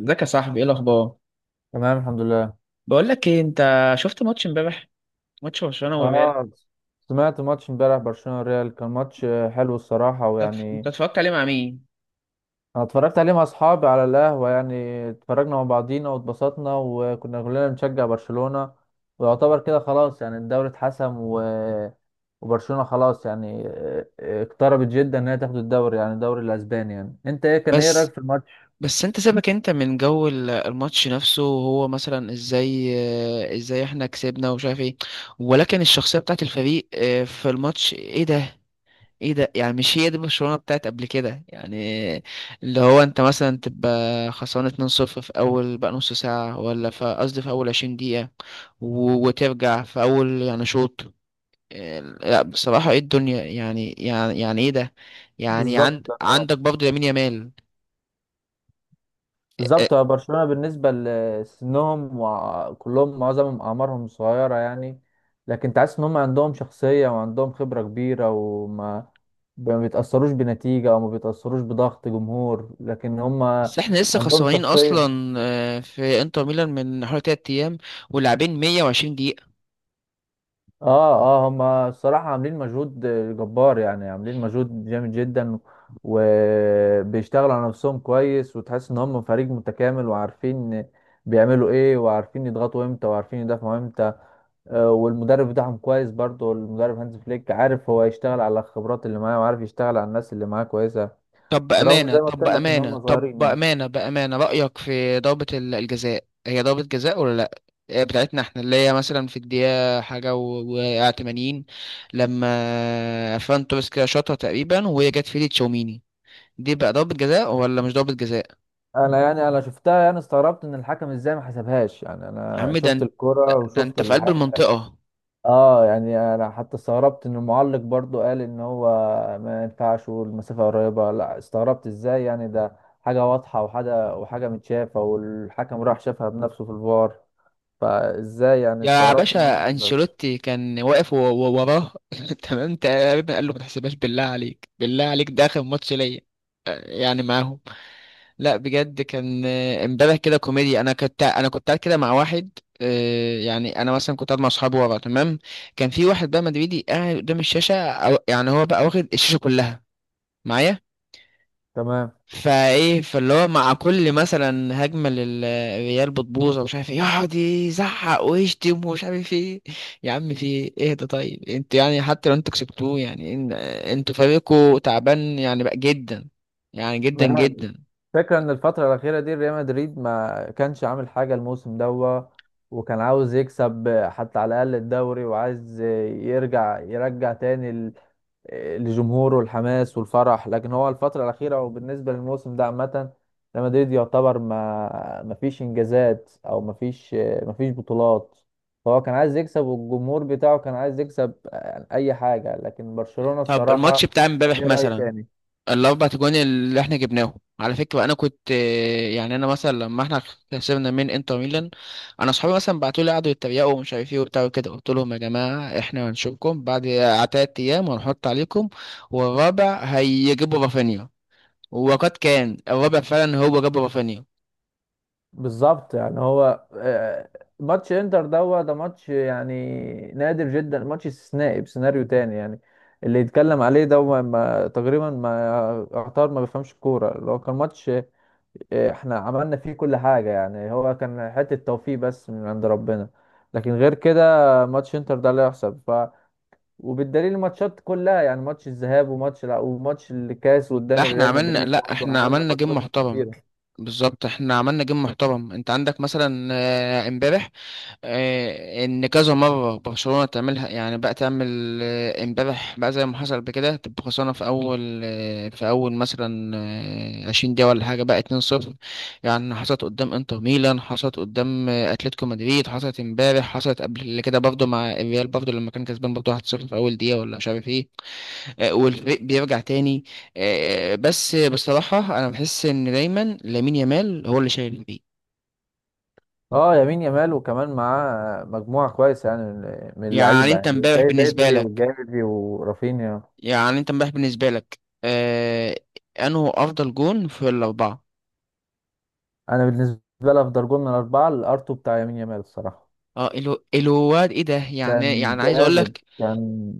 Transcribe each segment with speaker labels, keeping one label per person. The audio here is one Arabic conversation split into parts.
Speaker 1: ازيك يا صاحبي، ايه الاخبار؟
Speaker 2: تمام، الحمد لله.
Speaker 1: بقول لك ايه، انت شفت ماتش امبارح؟ ماتش برشلونه والريال؟
Speaker 2: اه، سمعت ماتش امبارح برشلونة والريال. كان ماتش حلو الصراحة،
Speaker 1: انت
Speaker 2: ويعني
Speaker 1: اتفرجت عليه مع مين؟
Speaker 2: انا اتفرجت عليه مع اصحابي على القهوة يعني. اتفرجنا مع بعضينا واتبسطنا، وكنا كلنا بنشجع برشلونة. ويعتبر كده خلاص يعني الدوري اتحسم، و... وبرشلونة خلاص يعني اقتربت جدا ان هي تاخد الدوري، يعني الدوري الاسباني. يعني انت ايه، كان ايه رأيك
Speaker 1: بس
Speaker 2: في الماتش؟
Speaker 1: بس انت سيبك انت من جو الماتش نفسه وهو مثلا ازاي، اه، ازاي احنا كسبنا ومش عارف ايه، ولكن الشخصية بتاعت الفريق في الماتش؟ ايه ده؟ ايه ده يعني؟ مش هي دي برشلونة بتاعت قبل كده؟ يعني اللي هو انت مثلا تبقى خسران 2-0 في اول بقى نص ساعة، ولا في قصدي في اول 20 دقيقة وترجع في اول يعني شوط. لا بصراحة ايه الدنيا، يعني ايه ده؟ يعني
Speaker 2: بالظبط
Speaker 1: عند
Speaker 2: ده.
Speaker 1: عندك برضه لامين يامال. آه،
Speaker 2: بالظبط، هو برشلونة بالنسبة لسنهم، وكلهم معظمهم أعمارهم صغيرة يعني، لكن تحس إن هم عندهم شخصية وعندهم خبرة كبيرة، وما ما بيتأثروش بنتيجة أو ما بيتأثروش بضغط جمهور، لكن هم
Speaker 1: بس احنا لسه
Speaker 2: عندهم
Speaker 1: خسرانين
Speaker 2: شخصية.
Speaker 1: اصلا في انتر ميلان من حوالي تلات ايام، ولاعبين 120 دقيقة.
Speaker 2: آه. آه، هم الصراحة عاملين مجهود جبار، يعني عاملين مجهود جامد جدا. وبيشتغلوا على نفسهم كويس، وتحس إن هم فريق متكامل وعارفين بيعملوا إيه وعارفين يضغطوا إمتى وعارفين يدافعوا إمتى. والمدرب بتاعهم كويس برضه، المدرب هانز فليك عارف هو يشتغل على الخبرات اللي معاه، وعارف يشتغل على الناس اللي معاه كويسه.
Speaker 1: طب
Speaker 2: برغم
Speaker 1: بأمانة
Speaker 2: زي ما
Speaker 1: طب
Speaker 2: قلت لك ان
Speaker 1: بأمانة
Speaker 2: هم
Speaker 1: طب
Speaker 2: صغيرين يعني.
Speaker 1: بأمانة بأمانة رأيك في ضربة الجزاء؟ هي ضربة جزاء ولا لا؟ بتاعتنا احنا اللي هي مثلا في الدقيقة حاجة و 80، لما فران توريس كده شاطها تقريبا وهي جت في ايد تشاوميني، دي بقى ضربة جزاء ولا مش ضربة جزاء؟
Speaker 2: انا يعني شفتها، يعني استغربت ان الحكم ازاي ما حسبهاش. يعني
Speaker 1: يا
Speaker 2: انا
Speaker 1: عم ده
Speaker 2: شفت
Speaker 1: انت،
Speaker 2: الكرة
Speaker 1: ده
Speaker 2: وشفت
Speaker 1: انت في قلب
Speaker 2: الحاجه.
Speaker 1: المنطقة.
Speaker 2: اه، يعني انا حتى استغربت ان المعلق برضه قال ان هو ما ينفعش والمسافه قريبه، لا استغربت ازاي يعني. ده حاجه واضحه، وحاجه متشافه، والحكم راح شافها بنفسه في الفار، فازاي يعني
Speaker 1: يا
Speaker 2: استغربت ان هو ما
Speaker 1: باشا
Speaker 2: حسبهاش.
Speaker 1: انشيلوتي كان واقف وراه تمام تقريبا قال له ما تحسبهاش، بالله عليك، بالله عليك، ده اخر ماتش ليا يعني معاهم. لا بجد كان امبارح كده كوميديا. انا كنت، انا كنت قاعد كده مع واحد، يعني انا مثلا كنت قاعد مع اصحابي ورا تمام، كان في واحد بقى مدريدي قاعد قدام الشاشه، يعني هو بقى واخد الشاشه كلها معايا. فاللي هو مع كل مثلا هجمه للريال بتبوظ ومش عارف ايه يقعد يزعق ويشتم ومش عارف ايه. يا عم في ايه ده؟ طيب انتوا يعني حتى لو انتوا كسبتوه يعني، انتوا فريقكوا تعبان يعني بقى جدا، يعني جدا
Speaker 2: تمام.
Speaker 1: جدا.
Speaker 2: فكرة ان الفترة الأخيرة دي ريال مدريد ما كانش عامل حاجة الموسم دوا، وكان عاوز يكسب حتى على الأقل الدوري، وعايز يرجع تاني لجمهوره الحماس والفرح. لكن هو الفترة الأخيرة وبالنسبة للموسم ده عامة، ريال مدريد يعتبر ما فيش إنجازات أو ما فيش بطولات. فهو كان عايز يكسب، والجمهور بتاعه كان عايز يكسب أي حاجة. لكن برشلونة
Speaker 1: طب
Speaker 2: الصراحة
Speaker 1: الماتش بتاع
Speaker 2: كان
Speaker 1: امبارح
Speaker 2: ليه رأي
Speaker 1: مثلا،
Speaker 2: تاني.
Speaker 1: الاربع تجوان اللي احنا جبناهم، على فكره انا كنت، يعني انا مثلا لما احنا خسرنا من انتر ميلان، انا اصحابي مثلا بعتوا لي قعدوا يتريقوا ومش عارف ايه وبتاع وكده، قلت لهم يا جماعه احنا هنشوفكم بعد تلات ايام وهنحط عليكم، والرابع هيجيبوا رافينيا. وقد كان، الرابع فعلا هو جاب رافينيا.
Speaker 2: بالظبط، يعني هو، ماتش انتر دوت ده ماتش يعني نادر جدا، ماتش استثنائي بسيناريو تاني يعني. اللي يتكلم عليه ده هو ما تقريبا ما يعتبر ما بيفهمش الكوره. اللي هو كان ماتش احنا عملنا فيه كل حاجه، يعني هو كان حته توفيق بس من عند ربنا. لكن غير كده ماتش انتر ده لا يحسب. وبالدليل الماتشات كلها، يعني ماتش الذهاب وماتش لا وماتش الكاس قدام ريال مدريد
Speaker 1: لا
Speaker 2: برضه،
Speaker 1: احنا
Speaker 2: عملنا
Speaker 1: عملنا جيم
Speaker 2: ماتشات
Speaker 1: محترم.
Speaker 2: كتير.
Speaker 1: بالظبط احنا عملنا جيم محترم. انت عندك مثلا امبارح، ان كذا مره برشلونه تعملها، يعني بقى تعمل امبارح بقى زي ما حصل. بكده تبقى خسرانه في اول، في اول مثلا 20 دقيقه ولا حاجه بقى، 2-0. يعني حصلت قدام انتر ميلان، حصلت قدام اتلتيكو مدريد، حصلت امبارح، حصلت قبل كده برضه مع الريال، برضه لما كان كسبان برضه 1-0 في اول دقيقه ولا مش عارف ايه، والفريق بيرجع تاني. بس بصراحه انا بحس ان دايما لامين يامال هو اللي شايل الفريق.
Speaker 2: اه، يمين يامال وكمان معاه مجموعة كويسة يعني من
Speaker 1: يعني
Speaker 2: اللعيبة،
Speaker 1: انت
Speaker 2: يعني
Speaker 1: امبارح
Speaker 2: زي
Speaker 1: بالنسبه
Speaker 2: بدري
Speaker 1: لك،
Speaker 2: وجافي ورافينيا.
Speaker 1: يعني انت امبارح بالنسبة لك، آه، انه افضل جون في الاربعة؟
Speaker 2: أنا بالنسبة لي أفضل جول من الأربعة الأرتو بتاع يمين يامال الصراحة.
Speaker 1: اه الو، الواد ايه ده يعني،
Speaker 2: كان
Speaker 1: عايز اقول
Speaker 2: جامد.
Speaker 1: لك،
Speaker 2: كان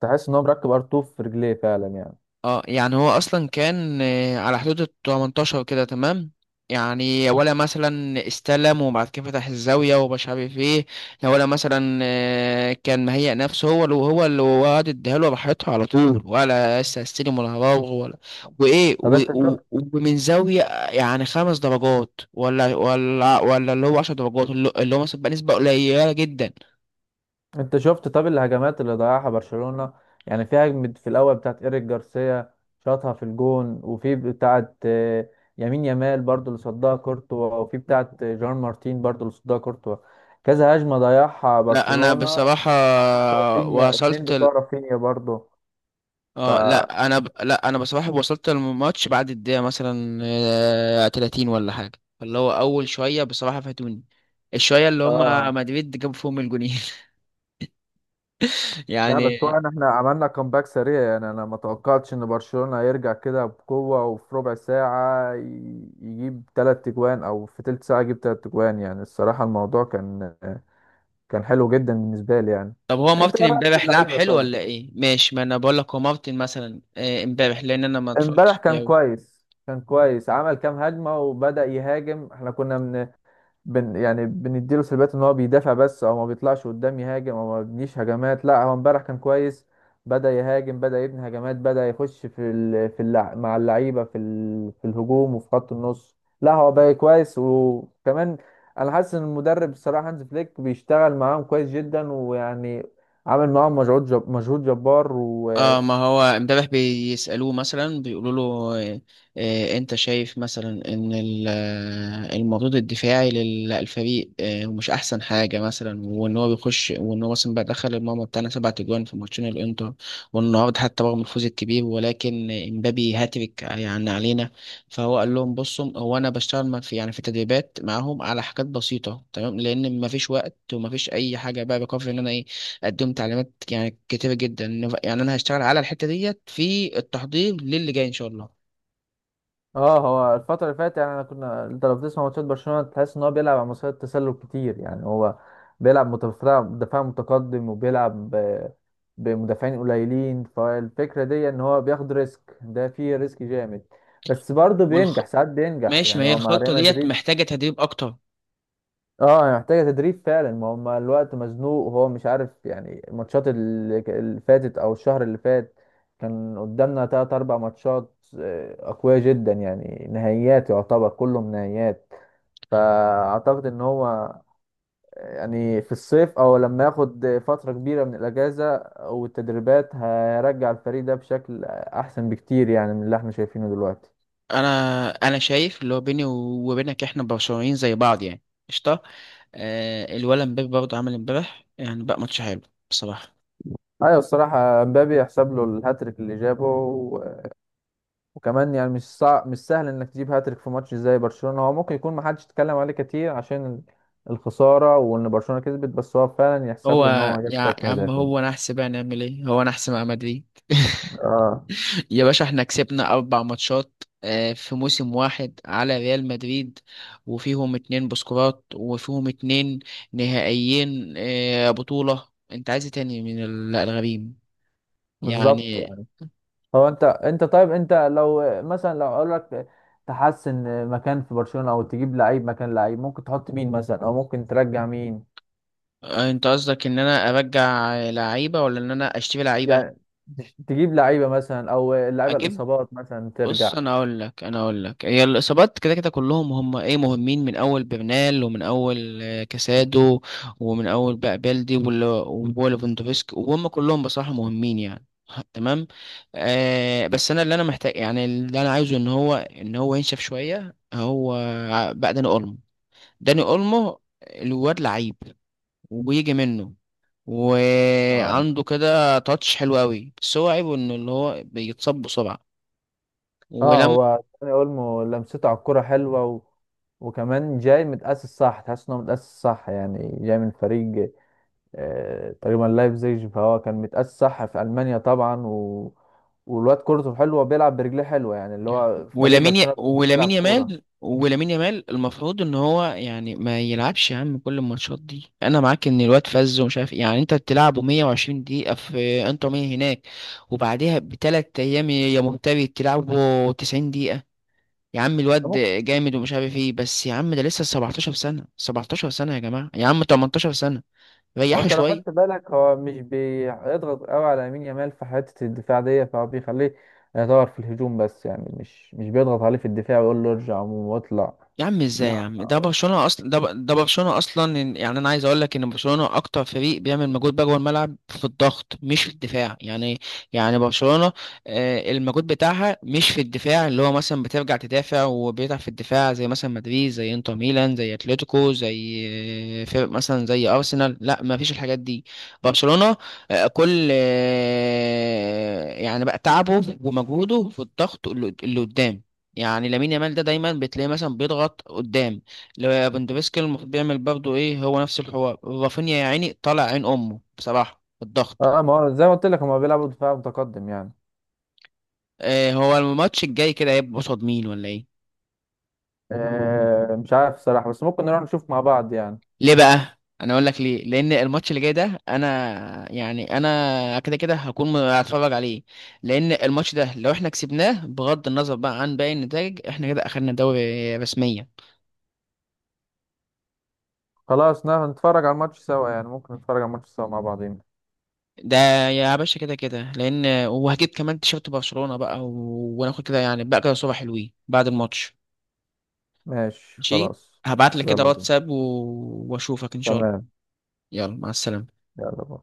Speaker 2: تحس إن هو مركب أرتو في رجليه فعلا يعني.
Speaker 1: اه يعني هو اصلا كان على حدود ال 18 كده تمام، يعني ولا مثلا استلم وبعد كده فتح الزاوية ومش عارف ايه، لا، ولا مثلا كان مهيأ نفسه هو اللي هو، وعد اديها له راحتها على طول، ولا لسه هستلم، ولا هراوغ، ولا وايه
Speaker 2: طب أنت شفت،
Speaker 1: ومن زاوية يعني خمس درجات، ولا اللي هو عشر درجات، اللي هو مثلا بقى نسبة قليلة جدا.
Speaker 2: انت شفت طب الهجمات اللي ضيعها برشلونة؟ يعني في هجمة في الاول بتاعت ايريك جارسيا، شاطها في الجون، وفي بتاعت يمين يمال برضو اللي صدها كورتوا، وفي بتاعت جان مارتين برضو اللي صدها كورتوا. كذا هجمة ضيعها
Speaker 1: لا انا
Speaker 2: برشلونة،
Speaker 1: بصراحة
Speaker 2: بتاعت رافينيا، اتنين
Speaker 1: وصلت،
Speaker 2: بتوع رافينيا برضو. ف
Speaker 1: لا انا بصراحه وصلت الماتش بعد الدقيقه مثلا 30 ولا حاجه، فاللي هو اول شويه بصراحه فاتوني، الشويه اللي هم
Speaker 2: اه،
Speaker 1: مدريد جابوا فيهم الجونين.
Speaker 2: لا، بس هو
Speaker 1: يعني
Speaker 2: إن احنا عملنا كومباك سريع، يعني انا ما توقعتش ان برشلونة هيرجع كده بقوة، وفي ربع ساعة يجيب تلات تجوان، او في تلت ساعة يجيب تلات تجوان. يعني الصراحة الموضوع كان حلو جدا بالنسبة لي يعني.
Speaker 1: طب هو
Speaker 2: انت
Speaker 1: مارتن
Speaker 2: ايه رأيك في
Speaker 1: امبارح لعب
Speaker 2: اللعيبة
Speaker 1: حلو
Speaker 2: طيب؟
Speaker 1: ولا ايه؟ ماشي، ما انا بقول لك، هو مارتن مثلا امبارح لان انا ما
Speaker 2: امبارح
Speaker 1: اتفرجتش.
Speaker 2: كان كويس، كان كويس، عمل كام هجمة وبدأ يهاجم. احنا كنا من بن يعني بنديله سلبيات ان هو بيدافع بس او ما بيطلعش قدام يهاجم او ما بيبنيش هجمات. لا، هو امبارح كان كويس. بدأ يهاجم، بدأ يبني هجمات، بدأ يخش في ال... في اللع... مع اللعيبة في الهجوم وفي خط النص. لا، هو بقى كويس. وكمان انا حاسس ان المدرب الصراحة هانز فليك بيشتغل معاهم كويس جدا ويعني عامل معاهم مجهود جبار و...
Speaker 1: اه، ما هو امبارح بيسألوه مثلا، بيقولوا له آه، انت شايف مثلا ان المردود الدفاعي للفريق مش احسن حاجة مثلا، وان هو بيخش، وان هو مثلا بقى دخل الماما بتاعنا سبع تجوان في ماتشين الانتر، والنهارده حتى رغم الفوز الكبير ولكن امبابي هاتريك يعني علينا. فهو قال لهم بصوا، هو انا بشتغل ما في يعني في تدريبات معاهم على حاجات بسيطة تمام، لان ما فيش وقت وما فيش اي حاجة، بقى بكفي ان انا إيه قدمت تعليمات يعني كتيرة جدا، يعني انا هشتغل على الحتة ديت في التحضير للي جاي ان شاء الله.
Speaker 2: اه، هو الفترة اللي فاتت، يعني انا كنا، انت لو بتسمع ماتشات برشلونة تحس ان هو بيلعب على مستوى التسلل كتير. يعني هو بيلعب متفرع، دفاع متقدم، وبيلعب بمدافعين قليلين. فالفكرة دي ان هو بياخد ريسك، ده فيه ريسك جامد، بس برضه
Speaker 1: والخ...
Speaker 2: بينجح، ساعات بينجح
Speaker 1: ماشي، ما
Speaker 2: يعني
Speaker 1: هي
Speaker 2: هو مع
Speaker 1: الخطة
Speaker 2: ريال
Speaker 1: ديت
Speaker 2: مدريد.
Speaker 1: محتاجة تدريب اكتر.
Speaker 2: اه، هي محتاجة تدريب فعلا. ما هم الوقت مزنوق، وهو مش عارف يعني الماتشات اللي فاتت او الشهر اللي فات، كان قدامنا تلات اربع ماتشات اقوياء جدا، يعني نهائيات يعتبر كلهم نهائيات. فاعتقد ان هو يعني في الصيف، او لما ياخد فترة كبيرة من الاجازة والتدريبات، هيرجع الفريق ده بشكل احسن بكتير يعني من اللي احنا شايفينه دلوقتي.
Speaker 1: انا شايف اللي هو، بيني وبينك احنا برشلونيين زي بعض يعني. قشطة. آه الولد امبابي برضه عمل امبارح يعني بقى ماتش حلو بصراحة.
Speaker 2: ايوه، الصراحة مبابي يحسب له الهاتريك اللي جابه، وكمان يعني مش صعب، مش سهل انك تجيب هاتريك في ماتش زي برشلونة. هو ممكن يكون محدش اتكلم عليه كتير عشان الخسارة وان برشلونة كسبت، بس هو فعلا يحسب
Speaker 1: هو
Speaker 2: له ان هو جاب
Speaker 1: يا
Speaker 2: تلات
Speaker 1: يا عم
Speaker 2: اهداف يعني.
Speaker 1: هو نحس بقى، نعمل ايه، هو نحس مع مدريد.
Speaker 2: اه،
Speaker 1: يا باشا احنا كسبنا أربع ماتشات في موسم واحد على ريال مدريد، وفيهم اتنين بسكورات وفيهم اتنين نهائيين بطولة، انت عايز إيه تاني من الغريم
Speaker 2: بالظبط.
Speaker 1: يعني؟
Speaker 2: هو انت طيب، انت لو مثلا لو اقول لك تحسن مكان في برشلونة او تجيب لعيب مكان لعيب، ممكن تحط مين مثلا، او ممكن ترجع مين؟
Speaker 1: انت قصدك ان انا ارجع لعيبة ولا ان انا اشتري لعيبة؟
Speaker 2: يعني تجيب لعيبة مثلا، او اللعيبة
Speaker 1: اجيب،
Speaker 2: الاصابات مثلا
Speaker 1: بص
Speaker 2: ترجع.
Speaker 1: انا اقول لك، انا اقول لك، هي الاصابات كده كده كلهم هم ايه مهمين، من اول برنال، ومن اول كاسادو، ومن اول بقى بلدي وليفاندوفسكي، وهم كلهم بصراحه مهمين يعني. تمام. آه بس انا اللي انا محتاج يعني، اللي انا عايزه ان هو، ان هو ينشف شويه هو، بقى داني اولمو. داني اولمو الواد لعيب وبيجي منه
Speaker 2: اه،
Speaker 1: وعنده كده تاتش حلو قوي، بس هو عيبه انه اللي هو بيتصاب بسرعه
Speaker 2: اه،
Speaker 1: ولما،
Speaker 2: هو داني اولمو لمسته على الكرة حلوة، و... وكمان جاي متأسس صح، تحس انه متأسس صح يعني. جاي من فريق آه تقريبا لايبزيج، فهو كان متأسس صح في ألمانيا طبعا، و... والواد كورته حلوة، بيلعب برجليه حلوة، يعني اللي هو فريق برشلونة بيلعب
Speaker 1: ولامين
Speaker 2: كورة.
Speaker 1: يامال، ولامين يامال المفروض ان هو يعني ما يلعبش. يا عم كل الماتشات دي انا معاك ان الواد فز ومش عارف إيه. يعني انت بتلعبه 120 دقيقه في انتر ميامي هناك وبعدها بثلاث ايام يا مهتبي تلعبه 90 دقيقه. يا عم الواد جامد ومش عارف ايه، بس يا عم ده لسه 17 سنه، 17 سنه يا جماعه، يا عم 18 سنه،
Speaker 2: هو
Speaker 1: ريحوا
Speaker 2: انت لو خدت
Speaker 1: شويه.
Speaker 2: بالك، هو مش بيضغط قوي على يمين يامال في حتة الدفاع دي، فهو بيخليه يدور في الهجوم بس. يعني مش بيضغط عليه في الدفاع ويقول له ارجع عموما واطلع.
Speaker 1: يا عم ازاي يا
Speaker 2: لا،
Speaker 1: عم، ده برشلونة اصلا، ده برشلونة اصلا، يعني انا عايز اقول لك ان برشلونة اكتر فريق بيعمل مجهود بقى جوه الملعب في الضغط مش في الدفاع، يعني. يعني برشلونة المجهود بتاعها مش في الدفاع، اللي هو مثلا بترجع تدافع وبيتعب في الدفاع زي مثلا مدريد، زي انتر ميلان، زي اتلتيكو، زي فرق مثلا زي ارسنال، لا ما فيش الحاجات دي. برشلونة آه، كل آه، يعني بقى تعبه ومجهوده في الضغط اللي، اللي قدام. يعني لامين يامال ده دايما بتلاقيه مثلا بيضغط قدام، لو بندوفسكي المفروض بيعمل برضه ايه، هو نفس الحوار، رافينيا يا عيني طالع عين امه بصراحه في الضغط.
Speaker 2: اه، ما هو زي ما قلت لك هما بيلعبوا دفاع متقدم يعني.
Speaker 1: آه، هو الماتش الجاي كده هيبقى قصاد مين ولا ايه؟
Speaker 2: آه، مش عارف صراحة، بس ممكن نروح نشوف مع بعض يعني.
Speaker 1: ليه بقى؟ انا اقول لك ليه، لان الماتش اللي جاي ده انا يعني انا كده كده هكون هتفرج عليه، لان الماتش ده لو احنا كسبناه بغض النظر بقى عن باقي النتائج، احنا كده اخدنا دوري رسميا.
Speaker 2: خلاص نتفرج على الماتش سوا، يعني ممكن نتفرج على الماتش سوا مع بعضين.
Speaker 1: ده يا باشا كده كده، لان وهجيب كمان تيشيرت برشلونة بقى وناخد كده يعني بقى كده صورة حلوين بعد الماتش.
Speaker 2: ماشي،
Speaker 1: ماشي،
Speaker 2: خلاص.
Speaker 1: هبعت لك كده
Speaker 2: يلا بينا.
Speaker 1: واتساب واشوفك ان شاء الله.
Speaker 2: تمام.
Speaker 1: يلا مع السلامة.
Speaker 2: يلا باي.